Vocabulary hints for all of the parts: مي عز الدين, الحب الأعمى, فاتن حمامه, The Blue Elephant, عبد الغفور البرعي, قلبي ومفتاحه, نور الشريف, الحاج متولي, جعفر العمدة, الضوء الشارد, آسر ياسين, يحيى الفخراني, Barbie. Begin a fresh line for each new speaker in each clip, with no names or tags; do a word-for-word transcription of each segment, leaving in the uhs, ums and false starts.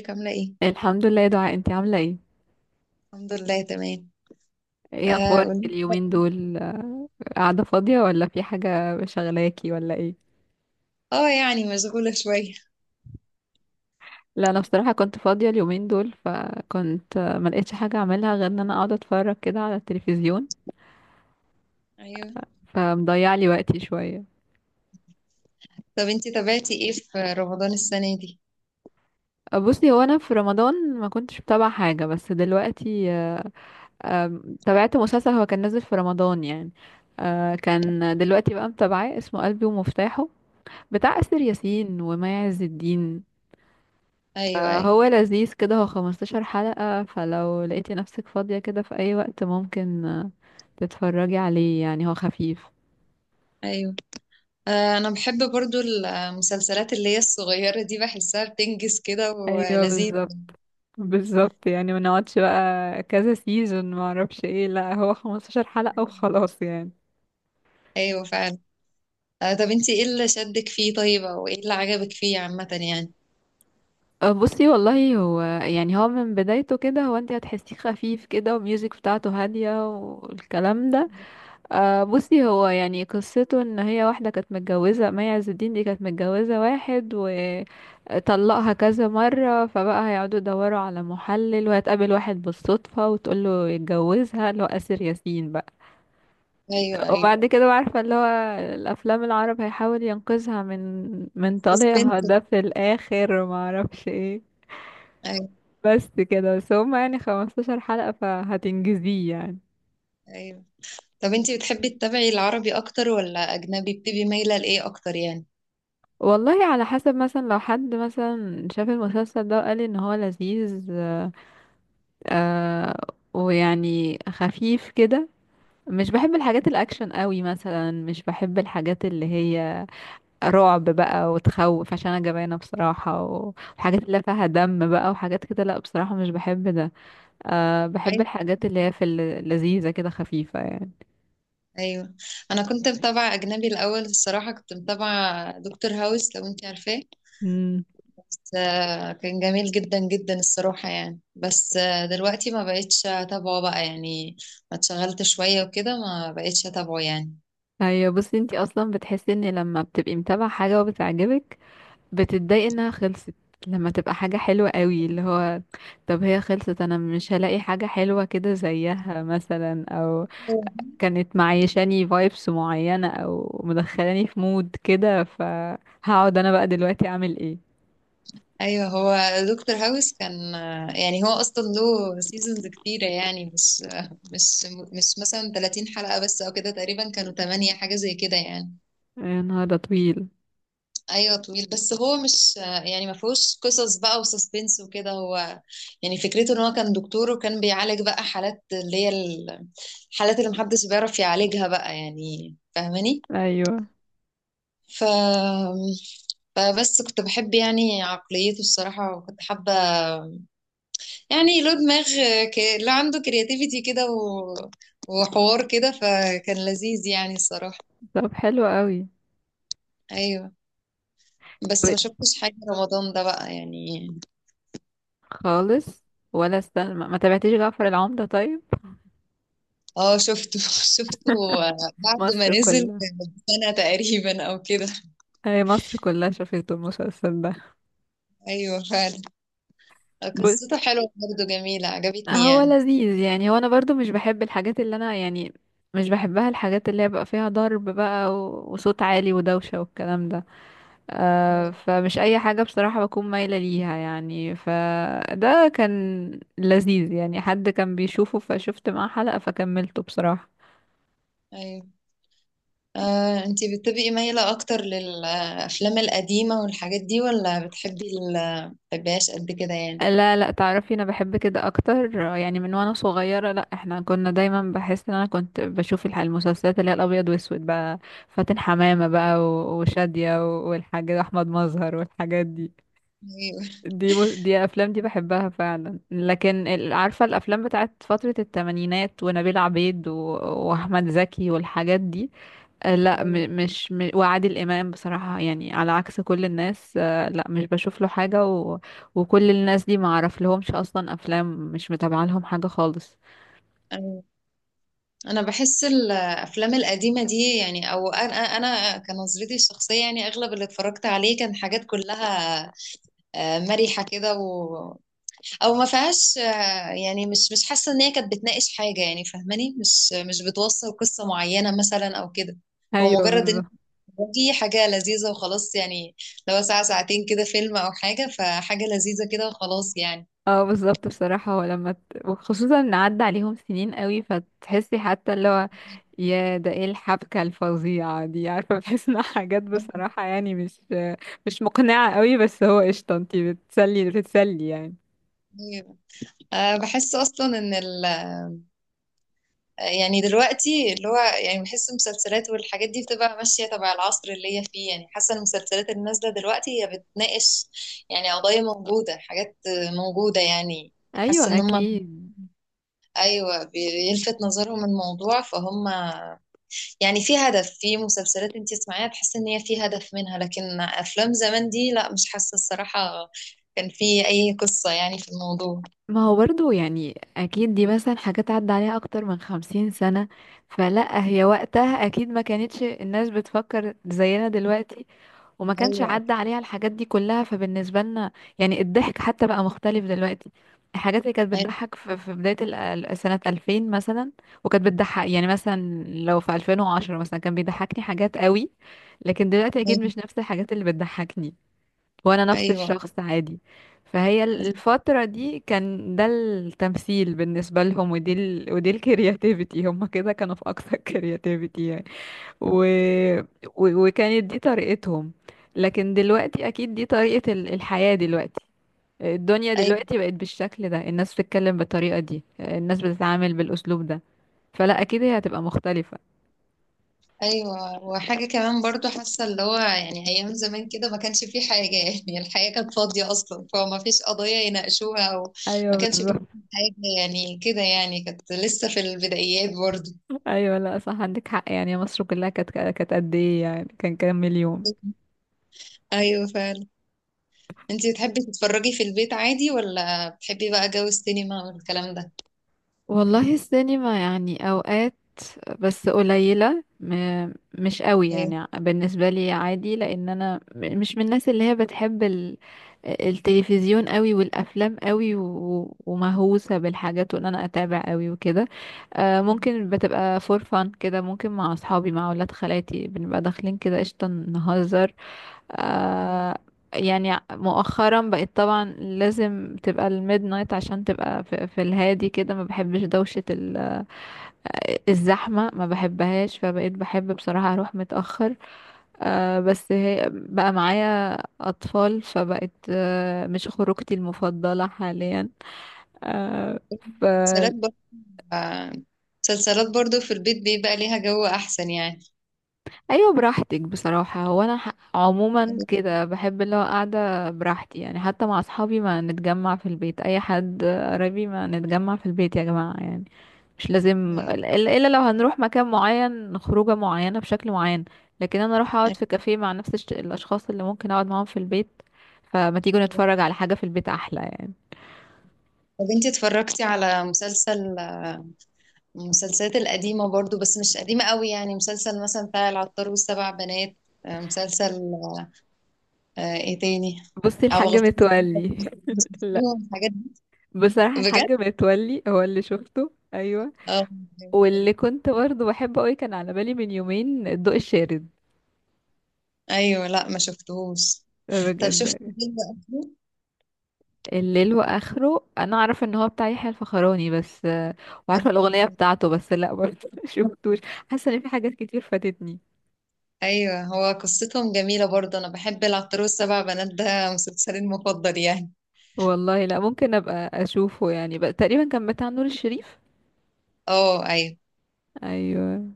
ازيك عاملة ايه؟
الحمد لله يا دعاء، انتي عاملة ايه؟
الحمد لله تمام.
ايه
اه،
اخبارك
قول-
اليومين دول؟ آه، قاعدة فاضية ولا في حاجة، شغلاكي ولا ايه؟
اه، يعني مشغولة شوية.
لا انا بصراحة كنت فاضية اليومين دول، فكنت آه، ما لقيتش حاجة اعملها غير ان انا اقعد اتفرج كده على التلفزيون،
ايوه.
فمضيع لي وقتي شوية.
طب انتي تابعتي ايه في رمضان السنة دي؟
آه، بصي، هو انا في رمضان ما كنتش بتابع حاجة، بس دلوقتي آه، آم، تابعت مسلسل هو كان نازل في رمضان يعني. آه، كان دلوقتي بقى متابعاه، اسمه قلبي ومفتاحه، بتاع آسر ياسين ومي عز الدين.
ايوه، ايوه.
هو لذيذ كده، هو 15 حلقة، فلو لقيتي نفسك فاضية كده في أي وقت ممكن آه، تتفرجي عليه، يعني هو خفيف.
ايوه، آه انا بحب برضو المسلسلات اللي هي الصغيرة دي، بحسها بتنجز كده
ايوه
ولذيذ.
بالظبط. بالظبط، يعني ما نقعدش بقى كذا سيزون ما اعرفش ايه، لا هو 15 حلقة وخلاص يعني.
ايوه فعلا. آه طب انتي ايه اللي شدك فيه طيب، او ايه اللي عجبك فيه عامة يعني؟
آه، بصي والله، هو يعني هو من بدايته كده، هو انت هتحسيه خفيف كده، والميوزك بتاعته هادية والكلام ده. آه بصي، هو يعني قصته ان هي واحدة كانت متجوزة، مي عز الدين دي كانت متجوزة واحد وطلقها كذا مرة، فبقى هيقعدوا يدوروا على محلل، وهتقابل واحد بالصدفة وتقول له يتجوزها، اللي هو آسر ياسين بقى.
ايوه، ايوه.
وبعد كده بقى، عارفة اللي هو الأفلام العرب، هيحاول ينقذها من من طليقها
سسبنس.
ده في الآخر، ومعرفش ايه.
ايوه،
بس كده بس، هما يعني 15 حلقة فهتنجزيه يعني.
ايوه. طب انتي بتحبي تتابعي العربي اكتر ولا اجنبي؟ بتبقي مايلة لايه اكتر يعني؟
والله على حسب، مثلا لو حد مثلا شاف المسلسل ده وقال ان هو لذيذ آه ويعني خفيف كده. مش بحب الحاجات الاكشن قوي مثلا، مش بحب الحاجات اللي هي رعب بقى وتخوف، عشان انا جبانه بصراحه، و- وحاجات اللي فيها دم بقى وحاجات كده، لا بصراحه مش بحب ده. آه بحب الحاجات اللي هي في اللذيذه كده خفيفه يعني.
ايوه. انا كنت متابعه اجنبي الاول الصراحه، كنت متابعه دكتور هاوس لو انت عارفاه.
امم.
بس آه، كان جميل جدا جدا الصراحه يعني، بس آه، دلوقتي ما بقتش اتابعه بقى يعني. ما اتشغلت شويه وكده، ما بقتش اتابعه يعني.
ايوه بصي، انتي اصلا بتحسي ان لما بتبقي متابعه حاجه وبتعجبك، بتتضايق انها خلصت، لما تبقى حاجة حلوة قوي، اللي هو طب هي خلصت، انا مش هلاقي حاجة حلوة كده زيها مثلا، او
أوه.
كانت معيشاني فايبس معينة، او مدخلاني في مود كده، فهقعد انا بقى دلوقتي اعمل ايه.
ايوه، هو دكتور هاوس كان آه، يعني هو اصلا له سيزونز كتيره يعني، مش آه، مش مش مثلا ثلاثين حلقه بس، او كده تقريبا كانوا ثمانية حاجه زي كده يعني.
يا نهار ده طويل.
ايوه طويل، بس هو مش، يعني ما فيهوش قصص بقى وسسبنس وكده. هو يعني فكرته ان هو كان دكتور، وكان بيعالج بقى حالات اللي هي ال- الحالات اللي محدش بيعرف يعالجها بقى، يعني فاهماني.
ايوه
ف فبس كنت بحب يعني عقليته الصراحة، وكنت حابة، يعني له دماغ، ك... له، عنده كرياتيفيتي كده، و... وحوار كده، فكان لذيذ يعني الصراحة.
طب حلو قوي.
ايوه، بس
طب
ما شفتش حاجة رمضان ده بقى يعني.
خالص، ولا استنى، ما ما تابعتيش جعفر العمدة طيب؟
اه، شفته شفته بعد ما
مصر
نزل
كلها،
سنة تقريبا او كده.
هي مصر كلها شافت المسلسل
ايوه فعلا.
ده.
قصته حلوة برضه، جميلة عجبتني
هو
يعني.
لذيذ يعني، هو انا برضو مش بحب الحاجات اللي انا يعني مش بحبها، الحاجات اللي هي بقى فيها ضرب بقى و- وصوت عالي ودوشة والكلام ده. آه
ايوه،
فمش اي حاجة بصراحة بكون مايلة ليها، يعني فده كان لذيذ يعني، حد كان بيشوفه فشفت معاه حلقة فكملته بصراحة.
ايوه. آه، انتي بتبقي مايلة اكتر للافلام القديمة والحاجات دي، ولا بتحبي ال- بتحبيهاش قد كده يعني؟
لا لا، تعرفي انا بحب كده اكتر، آه، يعني من وانا صغيره، لا احنا كنا دايما بحس ان انا كنت بشوف الح- المسلسلات اللي هي الابيض واسود بقى، فاتن حمامه بقى و- وشاديه و- والحاج احمد مظهر والحاجات دي.
ايوه،
دي م- دي افلام دي بحبها فعلا، لكن ال- عارفه الافلام بتاعت فتره الثمانينات، ونبيل عبيد و- واحمد زكي والحاجات دي. آه، لا
ايوه،
م- مش م- وعادل امام بصراحه، يعني على عكس كل الناس آه، لا مش بشوف له حاجه و... وكل الناس دي ما اعرف لهمش اصلا افلام، مش متابعه لهم حاجه خالص.
ايوه. انا بحس الافلام القديمه دي يعني، او انا انا كنظرتي الشخصيه يعني، اغلب اللي اتفرجت عليه كان حاجات كلها آه، مرحه كده، او ما فيهاش، آه، يعني مش مش حاسه ان هي كانت بتناقش حاجه، يعني فاهماني، مش مش بتوصل قصه معينه مثلا او كده.
ايوه
هو مجرد ان
بالظبط.
دي حاجه لذيذه وخلاص يعني. لو ساعه ساعتين كده فيلم او حاجه، فحاجه لذيذه كده وخلاص يعني.
اه بالظبط، بصراحه هو لما ت... وخصوصا ان عدى عليهم سنين قوي، فتحسي حتى اللي هو يا ده ايه الحبكه الفظيعه دي، عارفه بحس انها حاجات بصراحه، يعني مش مش مقنعه قوي، بس هو قشطه انتي بتسلي بتتسلي يعني.
أيوة. أه، بحس اصلا ان ال... يعني دلوقتي اللي هو، يعني بحس المسلسلات والحاجات دي بتبقى ماشيه تبع العصر اللي هي فيه، يعني حاسه المسلسلات اللي نازله دلوقتي هي بتناقش يعني قضايا موجوده، حاجات موجوده يعني. حاسه
ايوه
ان هم،
اكيد.
ايوه بيلفت نظرهم الموضوع، فهم يعني في هدف. في مسلسلات انت تسمعيها تحس ان هي في هدف منها، لكن افلام زمان دي لا، مش حاسه الصراحه كان في اي قصه يعني في الموضوع.
ما هو برضو يعني، اكيد دي مثلا حاجات عدى عليها اكتر من خمسين سنة، فلا هي وقتها اكيد ما كانتش الناس بتفكر زينا دلوقتي، وما كانش
ايوه،
عدى عليها الحاجات دي كلها، فبالنسبة لنا يعني الضحك حتى بقى مختلف دلوقتي. الحاجات اللي كانت
ايوه،
بتضحك في في بداية ال- ال- سنة ألفين مثلا، وكانت بتضحك يعني مثلا لو في ألفين وعشرة مثلا كان بيضحكني حاجات قوي، لكن دلوقتي اكيد مش نفس الحاجات اللي بتضحكني وانا نفس
ايوه،
الشخص عادي. فهي ال- الفترة دي كان ده التمثيل بالنسبة لهم، ودي ال... ودي الكرياتيفيتي، هم كده كانوا في اقصى الكرياتيفيتي يعني. و... و... وكانت دي طريقتهم، لكن دلوقتي اكيد دي طريقة ال- الحياة دلوقتي. الدنيا
ايوه،
دلوقتي بقت بالشكل ده، الناس بتتكلم بالطريقة دي، الناس بتتعامل بالاسلوب ده، فلا اكيد هي هتبقى مختلفة.
ايوه. وحاجه كمان برضو، حاسه اللي هو يعني ايام زمان كده ما كانش في حاجه، يعني الحياه كانت فاضيه اصلا، فما فيش قضايا يناقشوها، او ما
ايوه
كانش في
بالظبط.
حاجه، يعني كده يعني كانت لسه في البدايات برضو.
ايوه لا صح، عندك حق، يعني مصر كلها كانت كانت قد ايه يعني، كان كام مليون.
ايوه فعلا. انتي بتحبي تتفرجي في البيت عادي، ولا بتحبي بقى جو السينما والكلام ده؟
والله السينما يعني اوقات، بس قليلة م- مش قوي
ايوه.
يعني بالنسبة لي عادي، لان انا م- مش من الناس اللي هي بتحب ال- التلفزيون قوي والافلام قوي و- ومهووسة بالحاجات، وان انا اتابع قوي وكده. آه، ممكن بتبقى فور فان كده، ممكن مع اصحابي مع اولاد خالاتي بنبقى داخلين كده قشطة نهزر. آه يعني مؤخرا بقيت طبعا لازم تبقى الميد نايت عشان تبقى في, في الهادي كده، ما بحبش دوشة ال- آه، الزحمة، ما بحبهاش، فبقيت بحب بصراحة اروح متأخر. آه بس هي بقى معايا اطفال، فبقت آه مش خروجتي المفضلة حاليا. آه
مسلسلات برضه، آه، مسلسلات برضه في البيت بيبقى ليها جو احسن يعني.
ايوه براحتك بصراحه، هو انا ح- عموما كده بحب اللي هو قاعده براحتي يعني، حتى مع اصحابي ما نتجمع في البيت، اي حد قريبي ما نتجمع في البيت يا جماعه يعني، مش لازم
أيوة.
الا إلا لو هنروح مكان معين خروجه معينه بشكل معين. لكن انا اروح اقعد
أيوة.
في كافيه مع نفس الش- الاشخاص اللي ممكن اقعد معاهم في البيت، فما تيجوا نتفرج على حاجه في البيت احلى يعني.
طب انتي اتفرجتي على مسلسل، آه، المسلسلات القديمة برضه بس مش قديمة قوي، يعني مسلسل مثلا بتاع العطار والسبع بنات، آه، مسلسل آه، آه، ايه تاني؟
بصي
او
الحاج
غفور،
متولي لا
الحاجات دي.
بصراحه
بجد.
الحاج متولي هو اللي شفته ايوه.
اه. جميل.
واللي كنت برضه بحبه قوي كان على بالي من يومين الضوء الشارد،
ايوه، لا ما شفتهوش. طب
بجد
شفت الفيلم أصله؟
الليل واخره، انا اعرف ان هو بتاع يحيى الفخراني، بس آه، وعارفه الاغنيه بتاعته، بس لا برضه شفتوش، حاسه ان في حاجات كتير فاتتني.
أيوه، هو قصتهم جميلة برضه. أنا بحب العطار والسبع بنات، ده مسلسلي المفضل يعني.
والله لا، ممكن ابقى اشوفه يعني، بقى تقريبا كان بتاع نور الشريف.
اه أيوه.
ايوه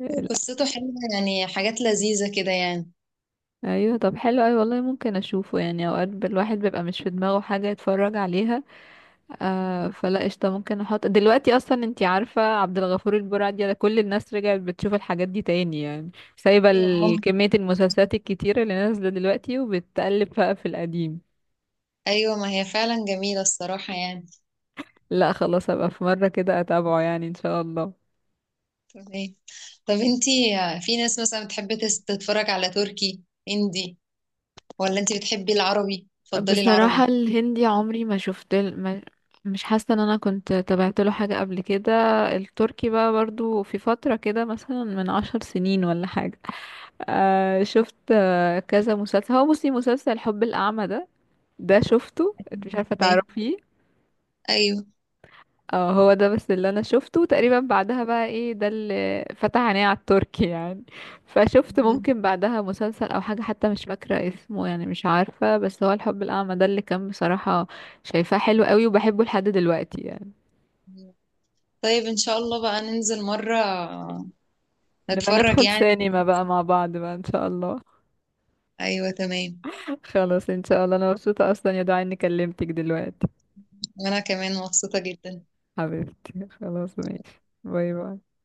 لا.
قصته حلوة، يعني حاجات لذيذة كده يعني.
ايوه طب حلو، ايوه والله ممكن اشوفه يعني، اوقات الواحد بيبقى مش في دماغه حاجه يتفرج عليها. آه فلا قشطة، ممكن احط دلوقتي اصلا، انتي عارفة عبد الغفور البرعي ده كل الناس رجعت بتشوف الحاجات دي تاني يعني، سايبة ال-
عمر.
كمية المسلسلات الكتيرة اللي نازلة دلوقتي وبتقلب بقى في القديم.
أيوه، ما هي فعلا جميلة الصراحة يعني.
لا خلاص هبقى في مرة كده اتابعه يعني ان شاء الله.
تمام. طب انتي، في ناس مثلا بتحب تس- تتفرج على تركي، هندي، ولا انتي بتحبي العربي، تفضلي
بصراحة
العربي؟
الهندي عمري ما شفت ال- ما مش حاسة ان انا كنت تابعت له حاجة قبل كده. التركي بقى برضو في فترة كده مثلا من عشر سنين ولا حاجة، آه شفت آه كذا مسلسل، هو بصي مسلسل الحب الأعمى ده، ده شفته انت، مش عارفة
ايه.
تعرفيه؟
أيوه.
اه هو ده بس اللي انا شفته تقريبا، بعدها بقى ايه ده اللي فتح عيني على التركي يعني، فشفت ممكن بعدها مسلسل او حاجة حتى مش فاكرة اسمه يعني، مش عارفة، بس هو الحب الاعمى ده اللي كان بصراحة شايفاه حلو قوي وبحبه لحد دلوقتي يعني.
طيب إن شاء الله بقى ننزل مرة،
لما
نتفرج
ندخل
يعني.
سينما بقى مع بعض بقى ان شاء الله.
ايوه تمام.
خلاص ان شاء الله، انا مبسوطة اصلا يا دعاء اني كلمتك دلوقتي،
وانا كمان مبسوطة جدا.
حبيبتي خلاص ماشي، باي باي.